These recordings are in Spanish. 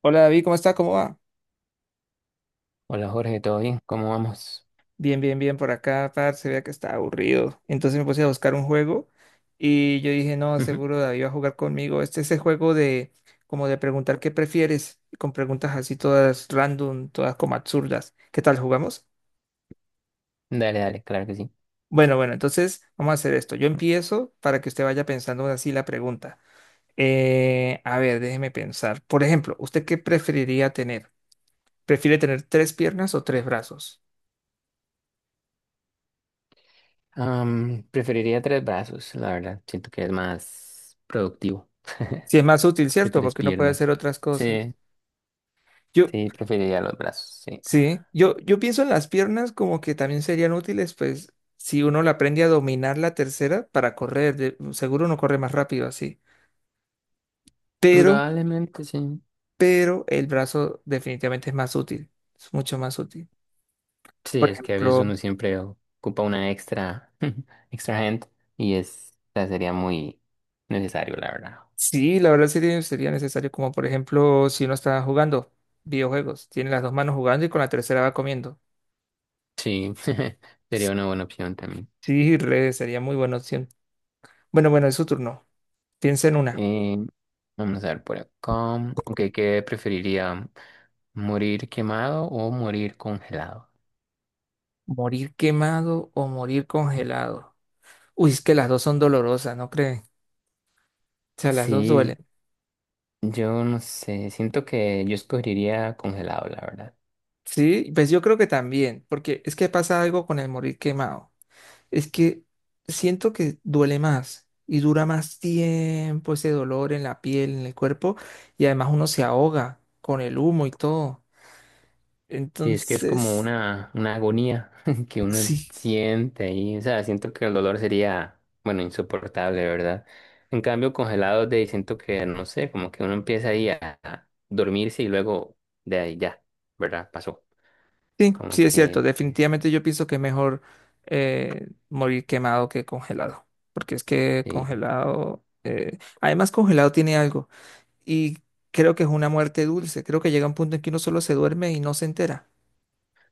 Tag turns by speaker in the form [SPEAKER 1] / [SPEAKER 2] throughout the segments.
[SPEAKER 1] Hola David, ¿cómo está? ¿Cómo va?
[SPEAKER 2] Hola Jorge, ¿todo bien? ¿Cómo vamos?
[SPEAKER 1] Bien, bien, bien por acá, par, se vea que está aburrido. Entonces me puse a buscar un juego y yo dije, no,
[SPEAKER 2] Ujú.
[SPEAKER 1] seguro David va a jugar conmigo. Este es el juego de como de preguntar qué prefieres, con preguntas así todas random, todas como absurdas. ¿Qué tal jugamos?
[SPEAKER 2] Dale, dale, claro que sí.
[SPEAKER 1] Bueno, bueno, entonces vamos a hacer esto. Yo empiezo para que usted vaya pensando así la pregunta. A ver, déjeme pensar. Por ejemplo, ¿usted qué preferiría tener? ¿Prefiere tener tres piernas o tres brazos?
[SPEAKER 2] Preferiría tres brazos, la verdad. Siento que es más productivo
[SPEAKER 1] Si es más útil,
[SPEAKER 2] que
[SPEAKER 1] ¿cierto?
[SPEAKER 2] tres
[SPEAKER 1] Porque uno puede hacer
[SPEAKER 2] piernas.
[SPEAKER 1] otras cosas.
[SPEAKER 2] Sí,
[SPEAKER 1] Yo,
[SPEAKER 2] sí, preferiría los brazos, sí.
[SPEAKER 1] sí, yo pienso en las piernas como que también serían útiles, pues, si uno le aprende a dominar la tercera para correr, seguro uno corre más rápido así. Pero,
[SPEAKER 2] Probablemente sí.
[SPEAKER 1] pero el brazo definitivamente es más útil, es mucho más útil.
[SPEAKER 2] Sí,
[SPEAKER 1] Por
[SPEAKER 2] es que a veces
[SPEAKER 1] ejemplo,
[SPEAKER 2] uno siempre ocupa una extra, extra gente y es, o sea, sería muy necesario, la verdad.
[SPEAKER 1] sí, la verdad sería necesario, como por ejemplo, si uno está jugando videojuegos, tiene las dos manos jugando y con la tercera va comiendo.
[SPEAKER 2] Sí, sería una buena opción también.
[SPEAKER 1] Sí, re, sería muy buena opción. Bueno, bueno, es su turno. Piensa en una.
[SPEAKER 2] Eh, Vamos a ver por acá. Ok, ¿qué preferiría? ¿Morir quemado o morir congelado?
[SPEAKER 1] ¿Morir quemado o morir congelado? Uy, es que las dos son dolorosas, ¿no creen? O sea, las dos
[SPEAKER 2] Sí,
[SPEAKER 1] duelen.
[SPEAKER 2] yo no sé, siento que yo escogería congelado, la verdad.
[SPEAKER 1] Sí, pues yo creo que también, porque es que pasa algo con el morir quemado. Es que siento que duele más y dura más tiempo ese dolor en la piel, en el cuerpo, y además uno se ahoga con el humo y todo.
[SPEAKER 2] Sí, es que es como
[SPEAKER 1] Entonces,
[SPEAKER 2] una agonía que uno
[SPEAKER 1] sí,
[SPEAKER 2] siente ahí, o sea, siento que el dolor sería, bueno, insoportable, ¿verdad? En cambio, congelado, de ahí siento que, no sé, como que uno empieza ahí a dormirse y luego de ahí ya, ¿verdad? Pasó,
[SPEAKER 1] sí,
[SPEAKER 2] como
[SPEAKER 1] sí es cierto.
[SPEAKER 2] que,
[SPEAKER 1] Definitivamente yo pienso que es mejor morir quemado que congelado, porque es que
[SPEAKER 2] sí.
[SPEAKER 1] congelado, además congelado tiene algo. Y creo que es una muerte dulce. Creo que llega un punto en que uno solo se duerme y no se entera.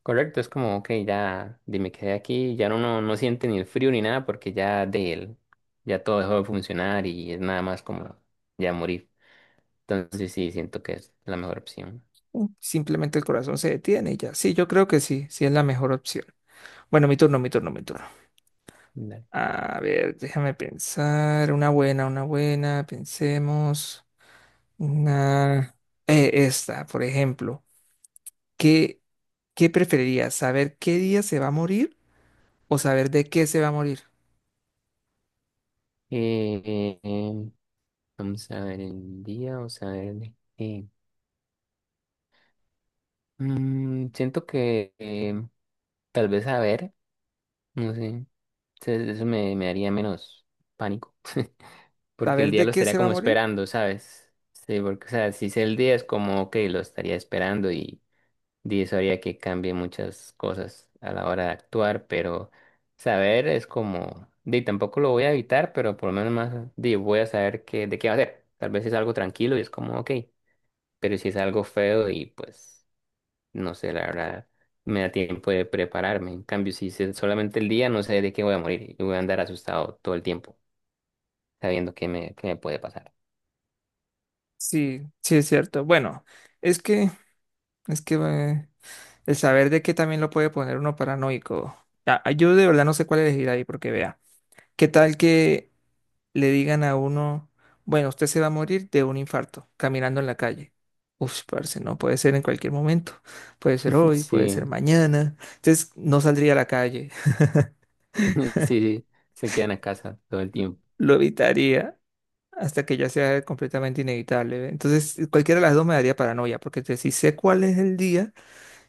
[SPEAKER 2] Correcto, es como, ok, me quedé aquí, ya uno no siente ni el frío ni nada porque ya de él, ya todo dejó de funcionar y es nada más como ya morir. Entonces sí, siento que es la mejor opción.
[SPEAKER 1] Simplemente el corazón se detiene y ya. Sí, yo creo que sí, sí es la mejor opción. Bueno, mi turno, mi turno, mi turno.
[SPEAKER 2] Dale.
[SPEAKER 1] A ver, déjame pensar. Una buena, una buena. Pensemos. Una... esta, por ejemplo. ¿Qué, qué preferirías? ¿Saber qué día se va a morir o saber de qué se va a morir?
[SPEAKER 2] Eh, eh, Vamos a ver el día, vamos a ver de qué. Siento que tal vez a ver, no sé, eso me haría menos pánico. Porque el
[SPEAKER 1] ¿Saber
[SPEAKER 2] día
[SPEAKER 1] de
[SPEAKER 2] lo
[SPEAKER 1] qué
[SPEAKER 2] estaría
[SPEAKER 1] se va a
[SPEAKER 2] como
[SPEAKER 1] morir?
[SPEAKER 2] esperando, ¿sabes? Sí, porque, o sea, si sé el día es como, que lo estaría esperando y eso haría que cambie muchas cosas a la hora de actuar, pero saber es como, di, tampoco lo voy a evitar, pero por lo menos más, di, voy a saber de qué va a ser. Tal vez es algo tranquilo y es como, ok, pero si es algo feo y pues, no sé, la verdad, me da tiempo de prepararme. En cambio, si es solamente el día, no sé de qué voy a morir y voy a andar asustado todo el tiempo, sabiendo qué me puede pasar.
[SPEAKER 1] Sí, sí es cierto. Bueno, es que, es que el saber de que también lo puede poner uno paranoico. Ya. Yo de verdad no sé cuál elegir ahí, porque vea, ¿qué tal que le digan a uno, bueno, usted se va a morir de un infarto caminando en la calle? Uf, parce, no puede ser en cualquier momento. Puede ser hoy, puede
[SPEAKER 2] Sí.
[SPEAKER 1] ser mañana. Entonces no saldría a la calle,
[SPEAKER 2] Sí, sí, se quedan a casa todo el tiempo.
[SPEAKER 1] lo evitaría hasta que ya sea completamente inevitable. ¿Ve? Entonces cualquiera de las dos me daría paranoia, porque si sé cuál es el día.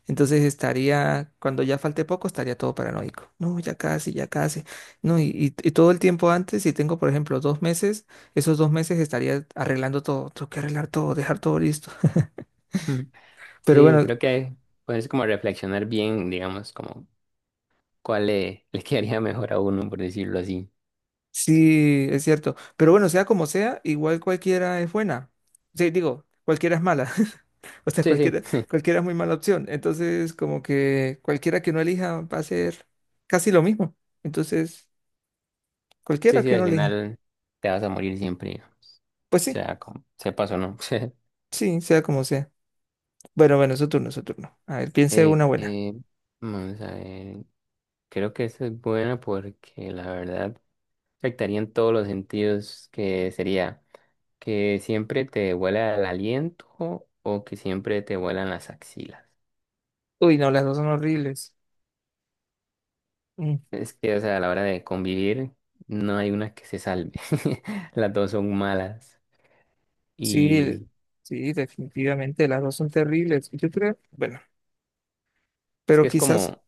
[SPEAKER 1] Entonces estaría, cuando ya falte poco, estaría todo paranoico. No, ya casi, ya casi. No, y todo el tiempo antes, si tengo, por ejemplo, 2 meses, esos 2 meses estaría arreglando todo. Tengo que arreglar todo, dejar todo listo. Pero
[SPEAKER 2] Sí,
[SPEAKER 1] bueno,
[SPEAKER 2] creo que puedes como reflexionar bien, digamos, como cuál le quedaría mejor a uno, por decirlo así.
[SPEAKER 1] sí, es cierto. Pero bueno, sea como sea, igual cualquiera es buena. Sí, digo, cualquiera es mala. O sea,
[SPEAKER 2] Sí,
[SPEAKER 1] cualquiera,
[SPEAKER 2] sí,
[SPEAKER 1] cualquiera es muy mala opción. Entonces, como que cualquiera que no elija va a ser casi lo mismo. Entonces,
[SPEAKER 2] sí,
[SPEAKER 1] cualquiera
[SPEAKER 2] sí,
[SPEAKER 1] que
[SPEAKER 2] al
[SPEAKER 1] no elija.
[SPEAKER 2] final te vas a morir siempre, o
[SPEAKER 1] Pues sí,
[SPEAKER 2] sea, como sepas o no.
[SPEAKER 1] sí, sea como sea. Bueno, bueno, su turno, su turno. A ver, piense
[SPEAKER 2] Eh,
[SPEAKER 1] una buena.
[SPEAKER 2] eh, Vamos a ver, creo que eso es bueno porque la verdad afectaría en todos los sentidos que sería que siempre te huela el aliento o que siempre te huelan las axilas.
[SPEAKER 1] Uy, no, las dos son horribles. Mm,
[SPEAKER 2] Es que, o sea, a la hora de convivir, no hay una que se salve. Las dos son malas.
[SPEAKER 1] sí,
[SPEAKER 2] Y
[SPEAKER 1] sí, definitivamente, las dos son terribles. Yo creo, bueno,
[SPEAKER 2] es
[SPEAKER 1] pero
[SPEAKER 2] que es
[SPEAKER 1] quizás,
[SPEAKER 2] como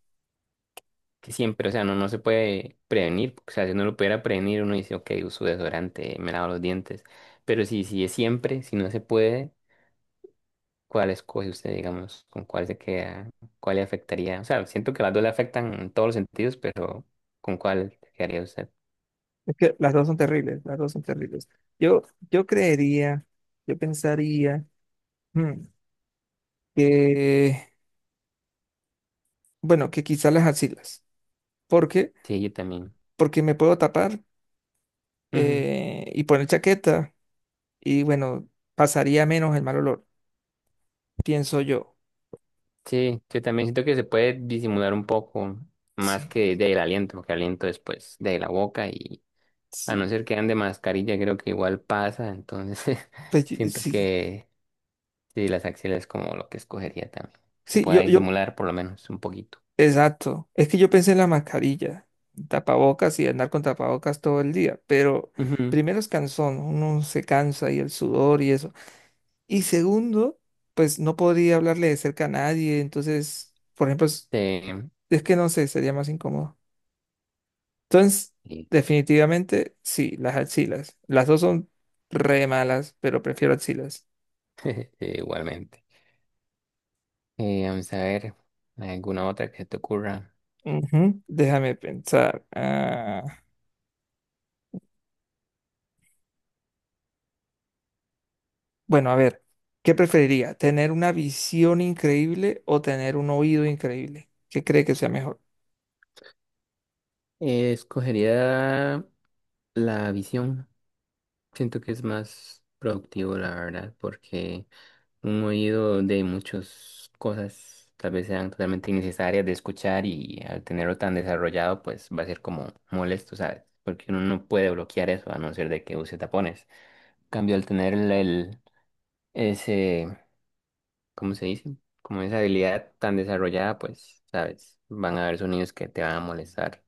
[SPEAKER 2] que siempre, o sea, no se puede prevenir. O sea, si uno lo pudiera prevenir, uno dice, ok, uso desodorante, me lavo los dientes. Pero si es siempre, si no se puede, ¿cuál escoge usted, digamos? ¿Con cuál se queda? ¿Cuál le afectaría? O sea, siento que las dos le afectan en todos los sentidos, pero ¿con cuál se quedaría usted?
[SPEAKER 1] es que las dos son terribles, las dos son terribles. Yo, yo creería, yo pensaría mm, que, bueno, que quizás las axilas. ¿Por qué?
[SPEAKER 2] Sí, yo también.
[SPEAKER 1] Porque me puedo tapar y poner chaqueta y, bueno, pasaría menos el mal olor, pienso yo.
[SPEAKER 2] Sí, yo también siento que se puede disimular un poco más
[SPEAKER 1] Sí,
[SPEAKER 2] que del aliento, porque aliento después de la boca y a no
[SPEAKER 1] sí,
[SPEAKER 2] ser que ande mascarilla, creo que igual pasa, entonces
[SPEAKER 1] pues, sí,
[SPEAKER 2] siento
[SPEAKER 1] sí,
[SPEAKER 2] que sí, las axilas es como lo que escogería también, que se
[SPEAKER 1] Sí,
[SPEAKER 2] pueda
[SPEAKER 1] yo, yo.
[SPEAKER 2] disimular por lo menos un poquito.
[SPEAKER 1] Exacto. Es que yo pensé en la mascarilla, tapabocas y andar con tapabocas todo el día, pero
[SPEAKER 2] Ujú.
[SPEAKER 1] primero es cansón, uno se cansa y el sudor y eso. Y segundo, pues no podría hablarle de cerca a nadie, entonces, por ejemplo, es,
[SPEAKER 2] Sí,
[SPEAKER 1] es que no sé, sería más incómodo. Entonces,
[SPEAKER 2] sí,
[SPEAKER 1] definitivamente, sí, las axilas. Las dos son re malas, pero prefiero axilas.
[SPEAKER 2] sí, igualmente. Vamos a ver, ¿alguna otra que se te ocurra?
[SPEAKER 1] Ujú. Déjame pensar. Ah, bueno, a ver, ¿qué preferiría? ¿Tener una visión increíble o tener un oído increíble? ¿Qué cree que sea mejor?
[SPEAKER 2] Escogería la visión, siento que es más productivo, la verdad, porque un oído de muchas cosas, tal vez sean totalmente innecesarias de escuchar y al tenerlo tan desarrollado, pues va a ser como molesto, ¿sabes? Porque uno no puede bloquear eso a no ser de que use tapones. En cambio, al tener ese, ¿cómo se dice? Como esa habilidad tan desarrollada, pues, ¿sabes? Van a haber sonidos que te van a molestar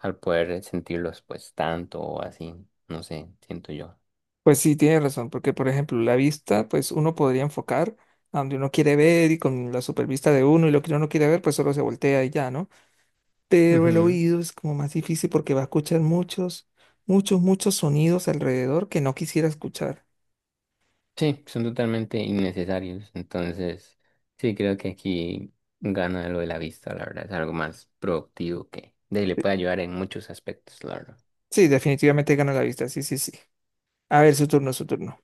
[SPEAKER 2] al poder sentirlos, pues, tanto o así, no sé, siento yo.
[SPEAKER 1] Pues sí, tiene razón, porque por ejemplo, la vista, pues uno podría enfocar a donde uno quiere ver y con la supervista de uno y lo que uno no quiere ver, pues solo se voltea y ya, ¿no? Pero el oído es como más difícil porque va a escuchar muchos, muchos, muchos sonidos alrededor que no quisiera escuchar.
[SPEAKER 2] Sí, son totalmente innecesarios. Entonces, sí, creo que aquí gana lo de la vista, la verdad. Es algo más productivo que le
[SPEAKER 1] Sí,
[SPEAKER 2] puede ayudar en muchos aspectos, la verdad.
[SPEAKER 1] sí, definitivamente gana la vista, sí, sí, sí. A ver, su turno, su turno.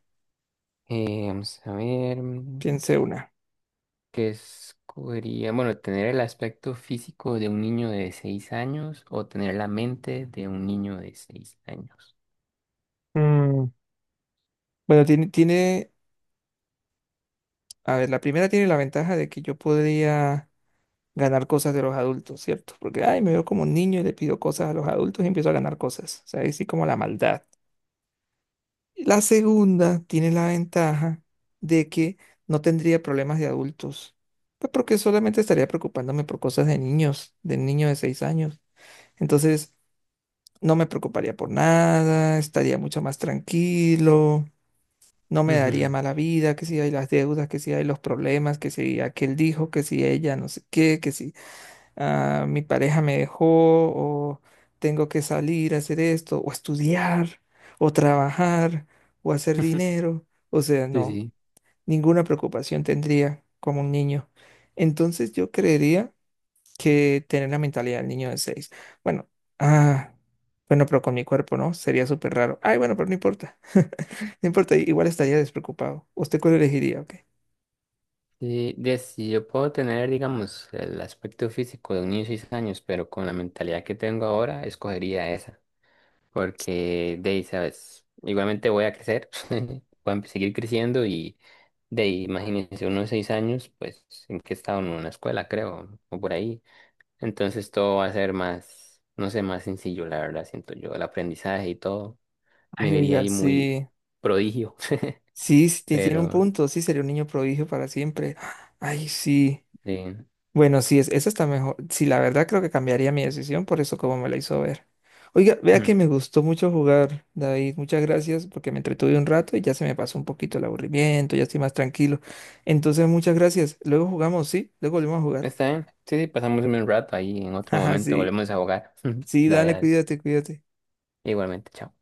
[SPEAKER 2] Vamos a ver
[SPEAKER 1] Piense una.
[SPEAKER 2] qué escogería. Bueno, tener el aspecto físico de un niño de 6 años o tener la mente de un niño de 6 años.
[SPEAKER 1] Mm, Bueno, tiene, tiene a ver, la primera tiene la ventaja de que yo podría ganar cosas de los adultos, ¿cierto? Porque, ay, me veo como un niño y le pido cosas a los adultos y empiezo a ganar cosas. O sea, ahí sí como la maldad. La segunda tiene la ventaja de que no tendría problemas de adultos. Pues porque solamente estaría preocupándome por cosas de niños, de niño de 6 años. Entonces, no me preocuparía por nada, estaría mucho más tranquilo. No me daría
[SPEAKER 2] Ujú.
[SPEAKER 1] mala vida, que si hay las deudas, que si hay los problemas, que si aquel dijo, que si ella no sé qué, que si ah, mi pareja me dejó o tengo que salir a hacer esto o estudiar o trabajar o hacer dinero. O sea,
[SPEAKER 2] Sí,
[SPEAKER 1] no,
[SPEAKER 2] sí.
[SPEAKER 1] ninguna preocupación tendría como un niño. Entonces yo creería que tener la mentalidad del niño de seis. Bueno, ah, bueno, pero con mi cuerpo, ¿no? Sería súper raro. Ay, bueno, pero no importa. No importa, igual estaría despreocupado. ¿Usted cuál elegiría? ¿Ok?
[SPEAKER 2] Sí, si yo puedo tener, digamos, el aspecto físico de un niño de 6 años, pero con la mentalidad que tengo ahora, escogería esa. Porque de ahí, sabes, igualmente voy a crecer, voy a seguir creciendo y de ahí, imagínense, unos 6 años, pues, en que he estado en una escuela, creo, o por ahí. Entonces todo va a ser más, no sé, más sencillo, la verdad, siento yo, el aprendizaje y todo, me
[SPEAKER 1] Ay,
[SPEAKER 2] vería
[SPEAKER 1] oiga,
[SPEAKER 2] ahí muy
[SPEAKER 1] sí.
[SPEAKER 2] prodigio,
[SPEAKER 1] Sí, sí, tiene un
[SPEAKER 2] pero
[SPEAKER 1] punto. Sí, sería un niño prodigio para siempre. Ay, sí.
[SPEAKER 2] eh,
[SPEAKER 1] Bueno, sí, esa está mejor. Sí, la verdad creo que cambiaría mi decisión por eso como me la hizo ver. Oiga, vea que
[SPEAKER 2] mm,
[SPEAKER 1] me gustó mucho jugar, David. Muchas gracias porque me entretuve un rato y ya se me pasó un poquito el aburrimiento, ya estoy más tranquilo. Entonces, muchas gracias. Luego jugamos, ¿sí? Luego volvemos a jugar.
[SPEAKER 2] está bien, sí, sí, pasamos un buen rato ahí, en otro
[SPEAKER 1] Ajá,
[SPEAKER 2] momento
[SPEAKER 1] sí.
[SPEAKER 2] volvemos a jugar.
[SPEAKER 1] Sí,
[SPEAKER 2] Dale,
[SPEAKER 1] dale,
[SPEAKER 2] dale,
[SPEAKER 1] cuídate, cuídate.
[SPEAKER 2] igualmente, chao.